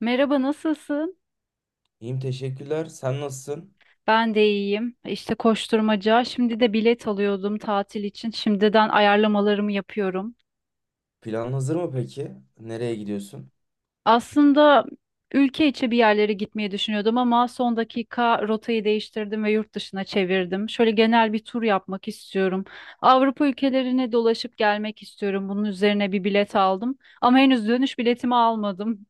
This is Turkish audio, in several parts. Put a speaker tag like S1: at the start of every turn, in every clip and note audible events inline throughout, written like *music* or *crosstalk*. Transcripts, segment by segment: S1: Merhaba, nasılsın?
S2: İyiyim teşekkürler. Sen nasılsın?
S1: Ben de iyiyim. İşte koşturmaca. Şimdi de bilet alıyordum tatil için. Şimdiden ayarlamalarımı yapıyorum.
S2: Plan hazır mı peki? Nereye gidiyorsun?
S1: Aslında ülke içi bir yerlere gitmeyi düşünüyordum ama son dakika rotayı değiştirdim ve yurt dışına çevirdim. Şöyle genel bir tur yapmak istiyorum. Avrupa ülkelerine dolaşıp gelmek istiyorum. Bunun üzerine bir bilet aldım ama henüz dönüş biletimi almadım.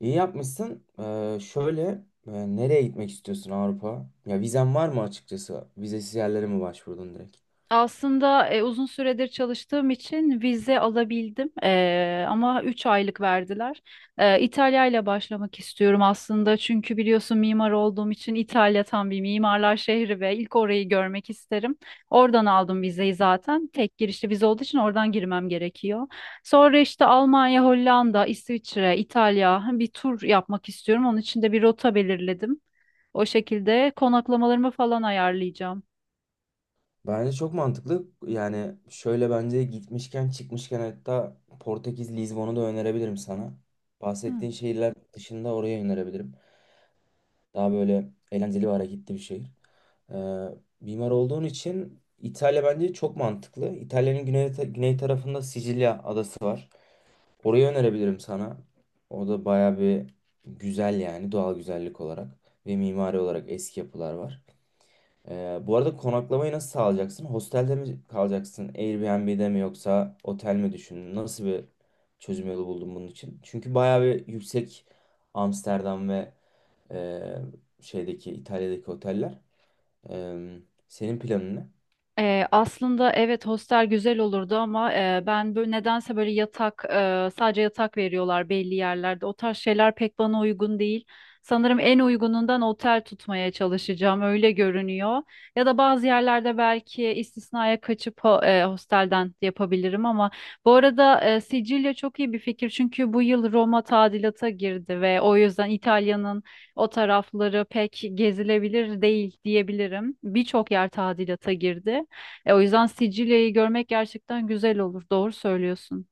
S2: İyi yapmışsın. Şöyle nereye gitmek istiyorsun Avrupa? Ya vizen var mı açıkçası? Vizesiz yerlere mi başvurdun direkt?
S1: Aslında uzun süredir çalıştığım için vize alabildim, ama 3 aylık verdiler. İtalya ile başlamak istiyorum aslında çünkü biliyorsun mimar olduğum için İtalya tam bir mimarlar şehri ve ilk orayı görmek isterim. Oradan aldım vizeyi zaten tek girişli vize olduğu için oradan girmem gerekiyor. Sonra işte Almanya, Hollanda, İsviçre, İtalya bir tur yapmak istiyorum. Onun için de bir rota belirledim. O şekilde konaklamalarımı falan ayarlayacağım.
S2: Bence çok mantıklı. Yani şöyle bence gitmişken çıkmışken hatta Portekiz Lizbon'u da önerebilirim sana.
S1: Hı.
S2: Bahsettiğin şehirler dışında oraya önerebilirim. Daha böyle eğlenceli ve hareketli bir şehir. Ee, mimar olduğun için İtalya bence çok mantıklı. İtalya'nın güney tarafında Sicilya adası var. Orayı önerebilirim sana. O da baya bir güzel yani doğal güzellik olarak ve mimari olarak eski yapılar var. Bu arada konaklamayı nasıl sağlayacaksın? Hostelde mi kalacaksın? Airbnb'de mi yoksa otel mi düşündün? Nasıl bir çözüm yolu buldun bunun için? Çünkü baya bir yüksek Amsterdam ve e, şeydeki İtalya'daki oteller. Eee, senin planın ne?
S1: Aslında evet hostel güzel olurdu ama ben böyle nedense böyle yatak, sadece yatak veriyorlar belli yerlerde. O tarz şeyler pek bana uygun değil. Sanırım en uygunundan otel tutmaya çalışacağım öyle görünüyor. Ya da bazı yerlerde belki istisnaya kaçıp hostelden yapabilirim ama bu arada Sicilya çok iyi bir fikir çünkü bu yıl Roma tadilata girdi ve o yüzden İtalya'nın o tarafları pek gezilebilir değil diyebilirim. Birçok yer tadilata girdi. O yüzden Sicilya'yı görmek gerçekten güzel olur. Doğru söylüyorsun.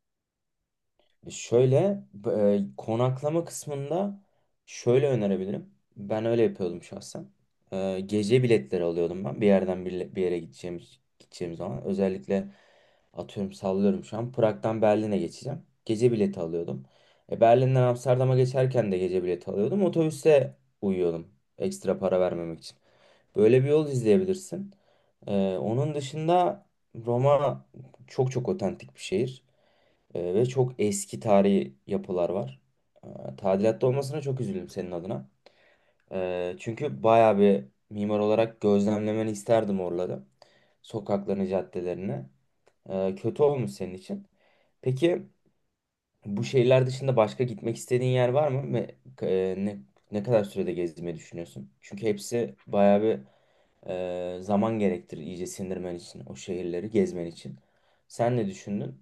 S2: Şöyle konaklama kısmında şöyle önerebilirim. Ben öyle yapıyordum şahsen. Gece biletleri alıyordum ben bir yerden bir yere gideceğim zaman. Özellikle atıyorum sallıyorum şu an Prag'dan Berlin'e geçeceğim. Gece bileti alıyordum. Berlin'den Amsterdam'a geçerken de gece bileti alıyordum. Otobüste uyuyordum ekstra para vermemek için. Böyle bir yol izleyebilirsin. Onun dışında Roma çok çok otentik bir şehir. Ve çok eski tarihi yapılar var. Tadilatta olmasına çok üzüldüm senin adına. Çünkü bayağı bir mimar olarak gözlemlemeni isterdim oraları. Sokaklarını, caddelerini. Kötü olmuş senin için. Peki bu şehirler dışında başka gitmek istediğin yer var mı? Ve e, ne, ne kadar sürede gezmeyi düşünüyorsun? Çünkü hepsi bayağı bir zaman gerektirir iyice sindirmen için, o şehirleri gezmen için. Sen ne düşündün?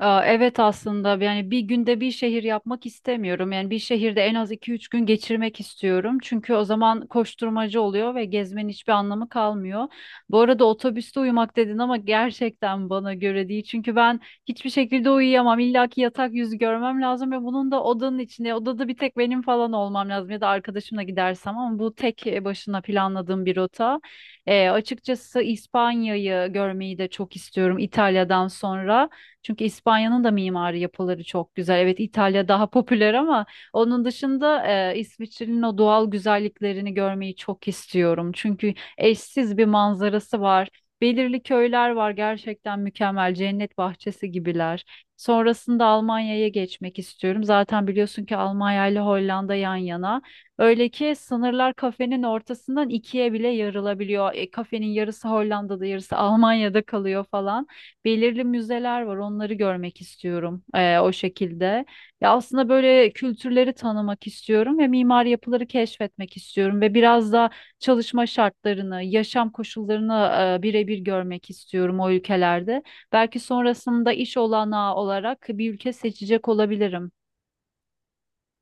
S1: Aa, evet aslında yani bir günde bir şehir yapmak istemiyorum. Yani bir şehirde en az 2 3 gün geçirmek istiyorum. Çünkü o zaman koşturmacı oluyor ve gezmenin hiçbir anlamı kalmıyor. Bu arada otobüste uyumak dedin ama gerçekten bana göre değil. Çünkü ben hiçbir şekilde uyuyamam. İlla ki yatak yüzü görmem lazım ve bunun da odanın içinde, odada bir tek benim falan olmam lazım ya da arkadaşımla gidersem ama bu tek başına planladığım bir rota. Açıkçası İspanya'yı görmeyi de çok istiyorum İtalya'dan sonra. Çünkü İspanya'nın da mimari yapıları çok güzel. Evet İtalya daha popüler ama onun dışında İsviçre'nin o doğal güzelliklerini görmeyi çok istiyorum. Çünkü eşsiz bir manzarası var. Belirli köyler var gerçekten mükemmel cennet bahçesi gibiler. Sonrasında Almanya'ya geçmek istiyorum. Zaten biliyorsun ki Almanya ile Hollanda yan yana. Öyle ki sınırlar kafenin ortasından ikiye bile yarılabiliyor. Kafenin yarısı Hollanda'da, yarısı Almanya'da kalıyor falan belirli müzeler var. Onları görmek istiyorum o şekilde. Ya aslında böyle kültürleri tanımak istiyorum ve mimari yapıları keşfetmek istiyorum ve biraz da çalışma şartlarını, yaşam koşullarını birebir görmek istiyorum o ülkelerde. Belki sonrasında iş olanağı olarak bir ülke seçecek olabilirim.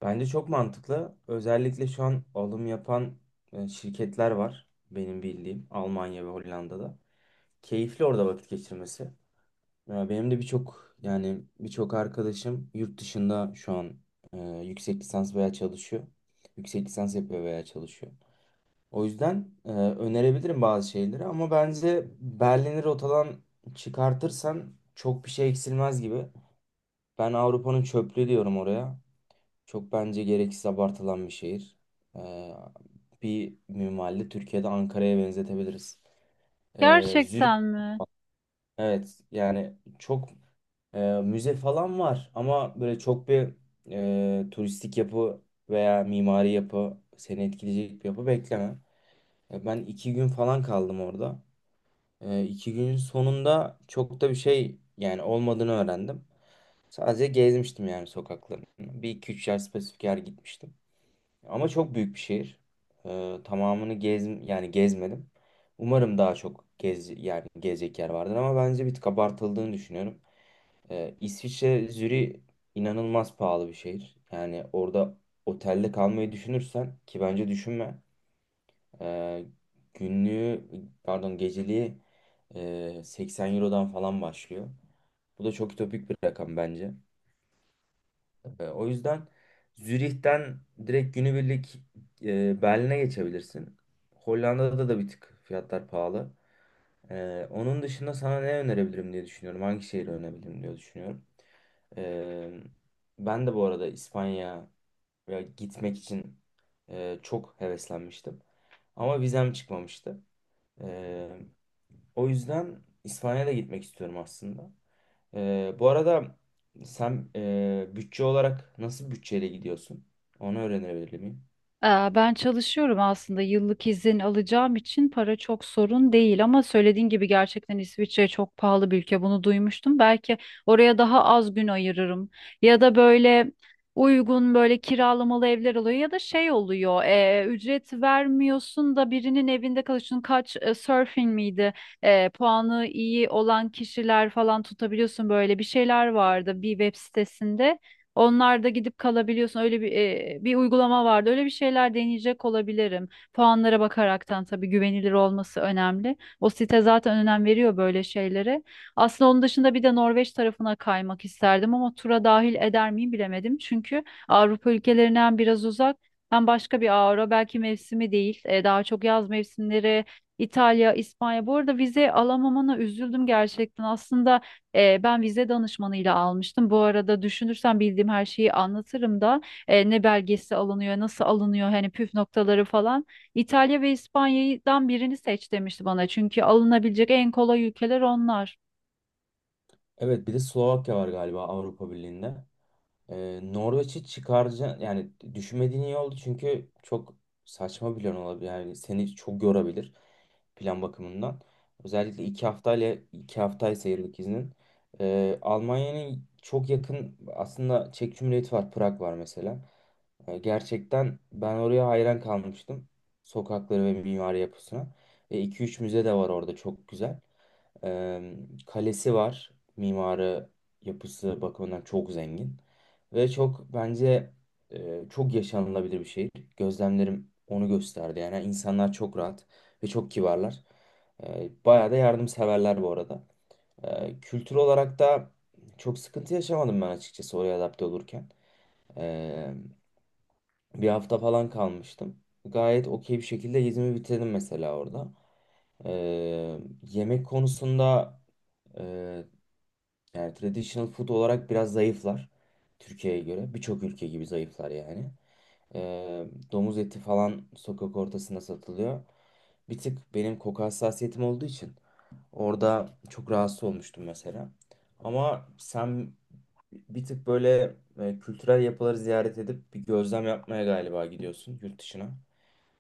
S2: Bence çok mantıklı. Özellikle şu an alım yapan şirketler var benim bildiğim Almanya ve Hollanda'da. Keyifli orada vakit geçirmesi. Ya benim de birçok arkadaşım yurt dışında şu an e, yüksek lisans veya çalışıyor. Yüksek lisans yapıyor veya çalışıyor. O yüzden önerebilirim bazı şeyleri ama bence Berlin'i rotadan çıkartırsan çok bir şey eksilmez gibi. Ben Avrupa'nın çöplüğü diyorum oraya. Çok bence gereksiz abartılan bir şehir. Ee, bir minvalde Türkiye'de Ankara'ya benzetebiliriz. Zürih.
S1: Gerçekten mi?
S2: Evet, yani çok müze falan var ama böyle çok bir turistik yapı veya mimari yapı seni etkileyecek bir yapı bekleme. Ben 2 gün falan kaldım orada. 2 günün sonunda çok da bir şey yani olmadığını öğrendim. Sadece gezmiştim yani sokaklarını. Bir iki üç yer spesifik yer gitmiştim. Ama çok büyük bir şehir. Tamamını gezmedim. Umarım daha çok gezecek yer vardır ama bence bir tık abartıldığını düşünüyorum. İsviçre inanılmaz pahalı bir şehir. Yani orada otelde kalmayı düşünürsen ki bence düşünme. Ee, günlüğü pardon geceliği 80 Euro'dan falan başlıyor. Bu da çok ütopik bir rakam bence. O yüzden Zürih'ten direkt günübirlik Berlin'e geçebilirsin. Hollanda'da da bir tık fiyatlar pahalı. Onun dışında sana ne önerebilirim diye düşünüyorum. Hangi şehri önerebilirim diye düşünüyorum. E, ben de bu arada İspanya'ya gitmek için çok heveslenmiştim. Ama vizem çıkmamıştı. E, o yüzden İspanya'da gitmek istiyorum aslında. Bu arada sen bütçe olarak nasıl bir bütçeyle gidiyorsun? Onu öğrenebilir miyim?
S1: Ee, Ben çalışıyorum aslında yıllık izin alacağım için para çok sorun değil ama söylediğin gibi gerçekten İsviçre çok pahalı bir ülke bunu duymuştum. Belki oraya daha az gün ayırırım ya da böyle uygun böyle kiralamalı evler oluyor ya da şey oluyor ücret vermiyorsun da birinin evinde kalıyorsun kaç surfing miydi? Puanı iyi olan kişiler falan tutabiliyorsun böyle bir şeyler vardı bir web sitesinde. Onlar da gidip kalabiliyorsun. Öyle bir uygulama vardı. Öyle bir şeyler deneyecek olabilirim. Puanlara bakaraktan tabii güvenilir olması önemli. O site zaten önem veriyor böyle şeylere. Aslında onun dışında bir de Norveç tarafına kaymak isterdim ama tura dahil eder miyim bilemedim. Çünkü Avrupa ülkelerinden biraz uzak. Hem başka bir avro belki mevsimi değil. Daha çok yaz mevsimleri İtalya, İspanya. Bu arada vize alamamana üzüldüm gerçekten. Aslında ben vize danışmanıyla almıştım. Bu arada düşünürsem bildiğim her şeyi anlatırım da ne belgesi alınıyor, nasıl alınıyor, hani püf noktaları falan. İtalya ve İspanya'dan birini seç demişti bana. Çünkü alınabilecek en kolay ülkeler onlar.
S2: Evet, bir de Slovakya var galiba Avrupa Birliği'nde. Norveç'i çıkaracağım, yani düşünmediğin iyi oldu çünkü çok saçma bir plan olabilir, yani seni çok yorabilir plan bakımından, özellikle 2 haftayla, 2 haftaysa yıllık iznin. Almanya'nın çok yakın aslında. Çek Cumhuriyeti var, Prag var mesela. Gerçekten ben oraya hayran kalmıştım, sokakları ve mimari yapısına, ve 2-3 müze de var orada çok güzel. Ee, kalesi var, mimarı yapısı bakımından çok zengin. Ve çok bence çok yaşanılabilir bir şehir. Gözlemlerim onu gösterdi. Yani insanlar çok rahat ve çok kibarlar. Bayağı da yardımseverler bu arada. Kültür olarak da çok sıkıntı yaşamadım ben açıkçası oraya adapte olurken. E, bir hafta falan kalmıştım. Gayet okey bir şekilde gezimi bitirdim mesela orada. Yemek konusunda e, yani traditional food olarak biraz zayıflar. Türkiye'ye göre birçok ülke gibi zayıflar yani. Ee, domuz eti falan sokak ortasında satılıyor. Bir tık benim koku hassasiyetim olduğu için orada çok rahatsız olmuştum mesela. Ama sen bir tık böyle kültürel yapıları ziyaret edip bir gözlem yapmaya galiba gidiyorsun yurt dışına.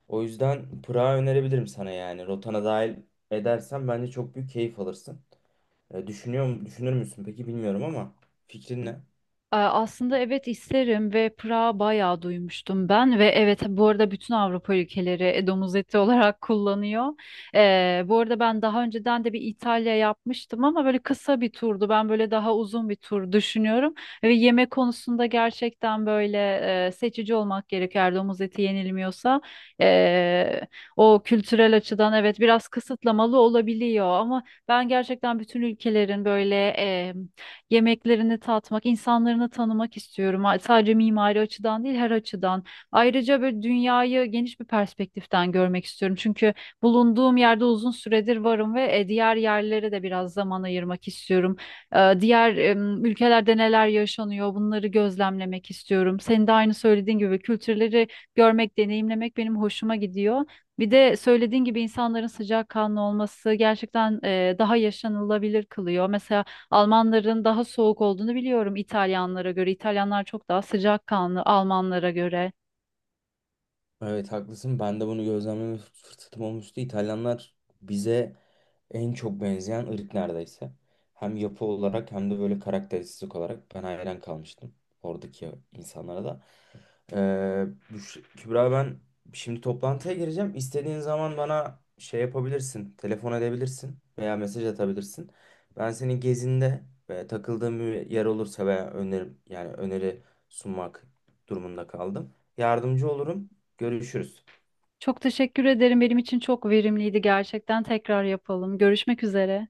S2: O yüzden Prag'ı önerebilirim sana yani. Rotana dahil edersen bence çok büyük keyif alırsın. Düşünür müsün peki bilmiyorum ama fikrin ne?
S1: Aslında evet isterim ve Prag'ı bayağı duymuştum ben ve evet bu arada bütün Avrupa ülkeleri domuz eti olarak *laughs* kullanıyor. Bu arada ben daha önceden de bir İtalya yapmıştım ama böyle kısa bir turdu. Ben böyle daha uzun bir tur düşünüyorum ve yemek konusunda gerçekten böyle seçici olmak gerekiyor eğer domuz eti yenilmiyorsa. Ee, o kültürel açıdan evet biraz kısıtlamalı olabiliyor ama ben gerçekten bütün ülkelerin böyle yemeklerini tatmak, insanlarını tanımak istiyorum. Sadece mimari açıdan değil, her açıdan. Ayrıca böyle dünyayı geniş bir perspektiften görmek istiyorum. Çünkü bulunduğum yerde uzun süredir varım ve diğer yerlere de biraz zaman ayırmak istiyorum. Diğer ülkelerde neler yaşanıyor, bunları gözlemlemek istiyorum. Senin de aynı söylediğin gibi kültürleri görmek, deneyimlemek benim hoşuma gidiyor. Bir de söylediğin gibi insanların sıcakkanlı olması gerçekten daha yaşanılabilir kılıyor. Mesela Almanların daha soğuk olduğunu biliyorum İtalyanlara göre. İtalyanlar çok daha sıcakkanlı Almanlara göre.
S2: Evet haklısın. Ben de bunu gözlemleme fırsatım olmuştu. İtalyanlar bize en çok benzeyen ırk neredeyse. Hem yapı olarak hem de böyle karakteristik olarak ben hayran kalmıştım oradaki insanlara da. Kübra, ben şimdi toplantıya gireceğim. İstediğin zaman bana şey yapabilirsin, telefon edebilirsin veya mesaj atabilirsin. Ben senin gezinde ve takıldığın bir yer olursa veya öneri sunmak durumunda kaldım. Yardımcı olurum. Görüşürüz.
S1: Çok teşekkür ederim. Benim için çok verimliydi gerçekten. Tekrar yapalım. Görüşmek üzere.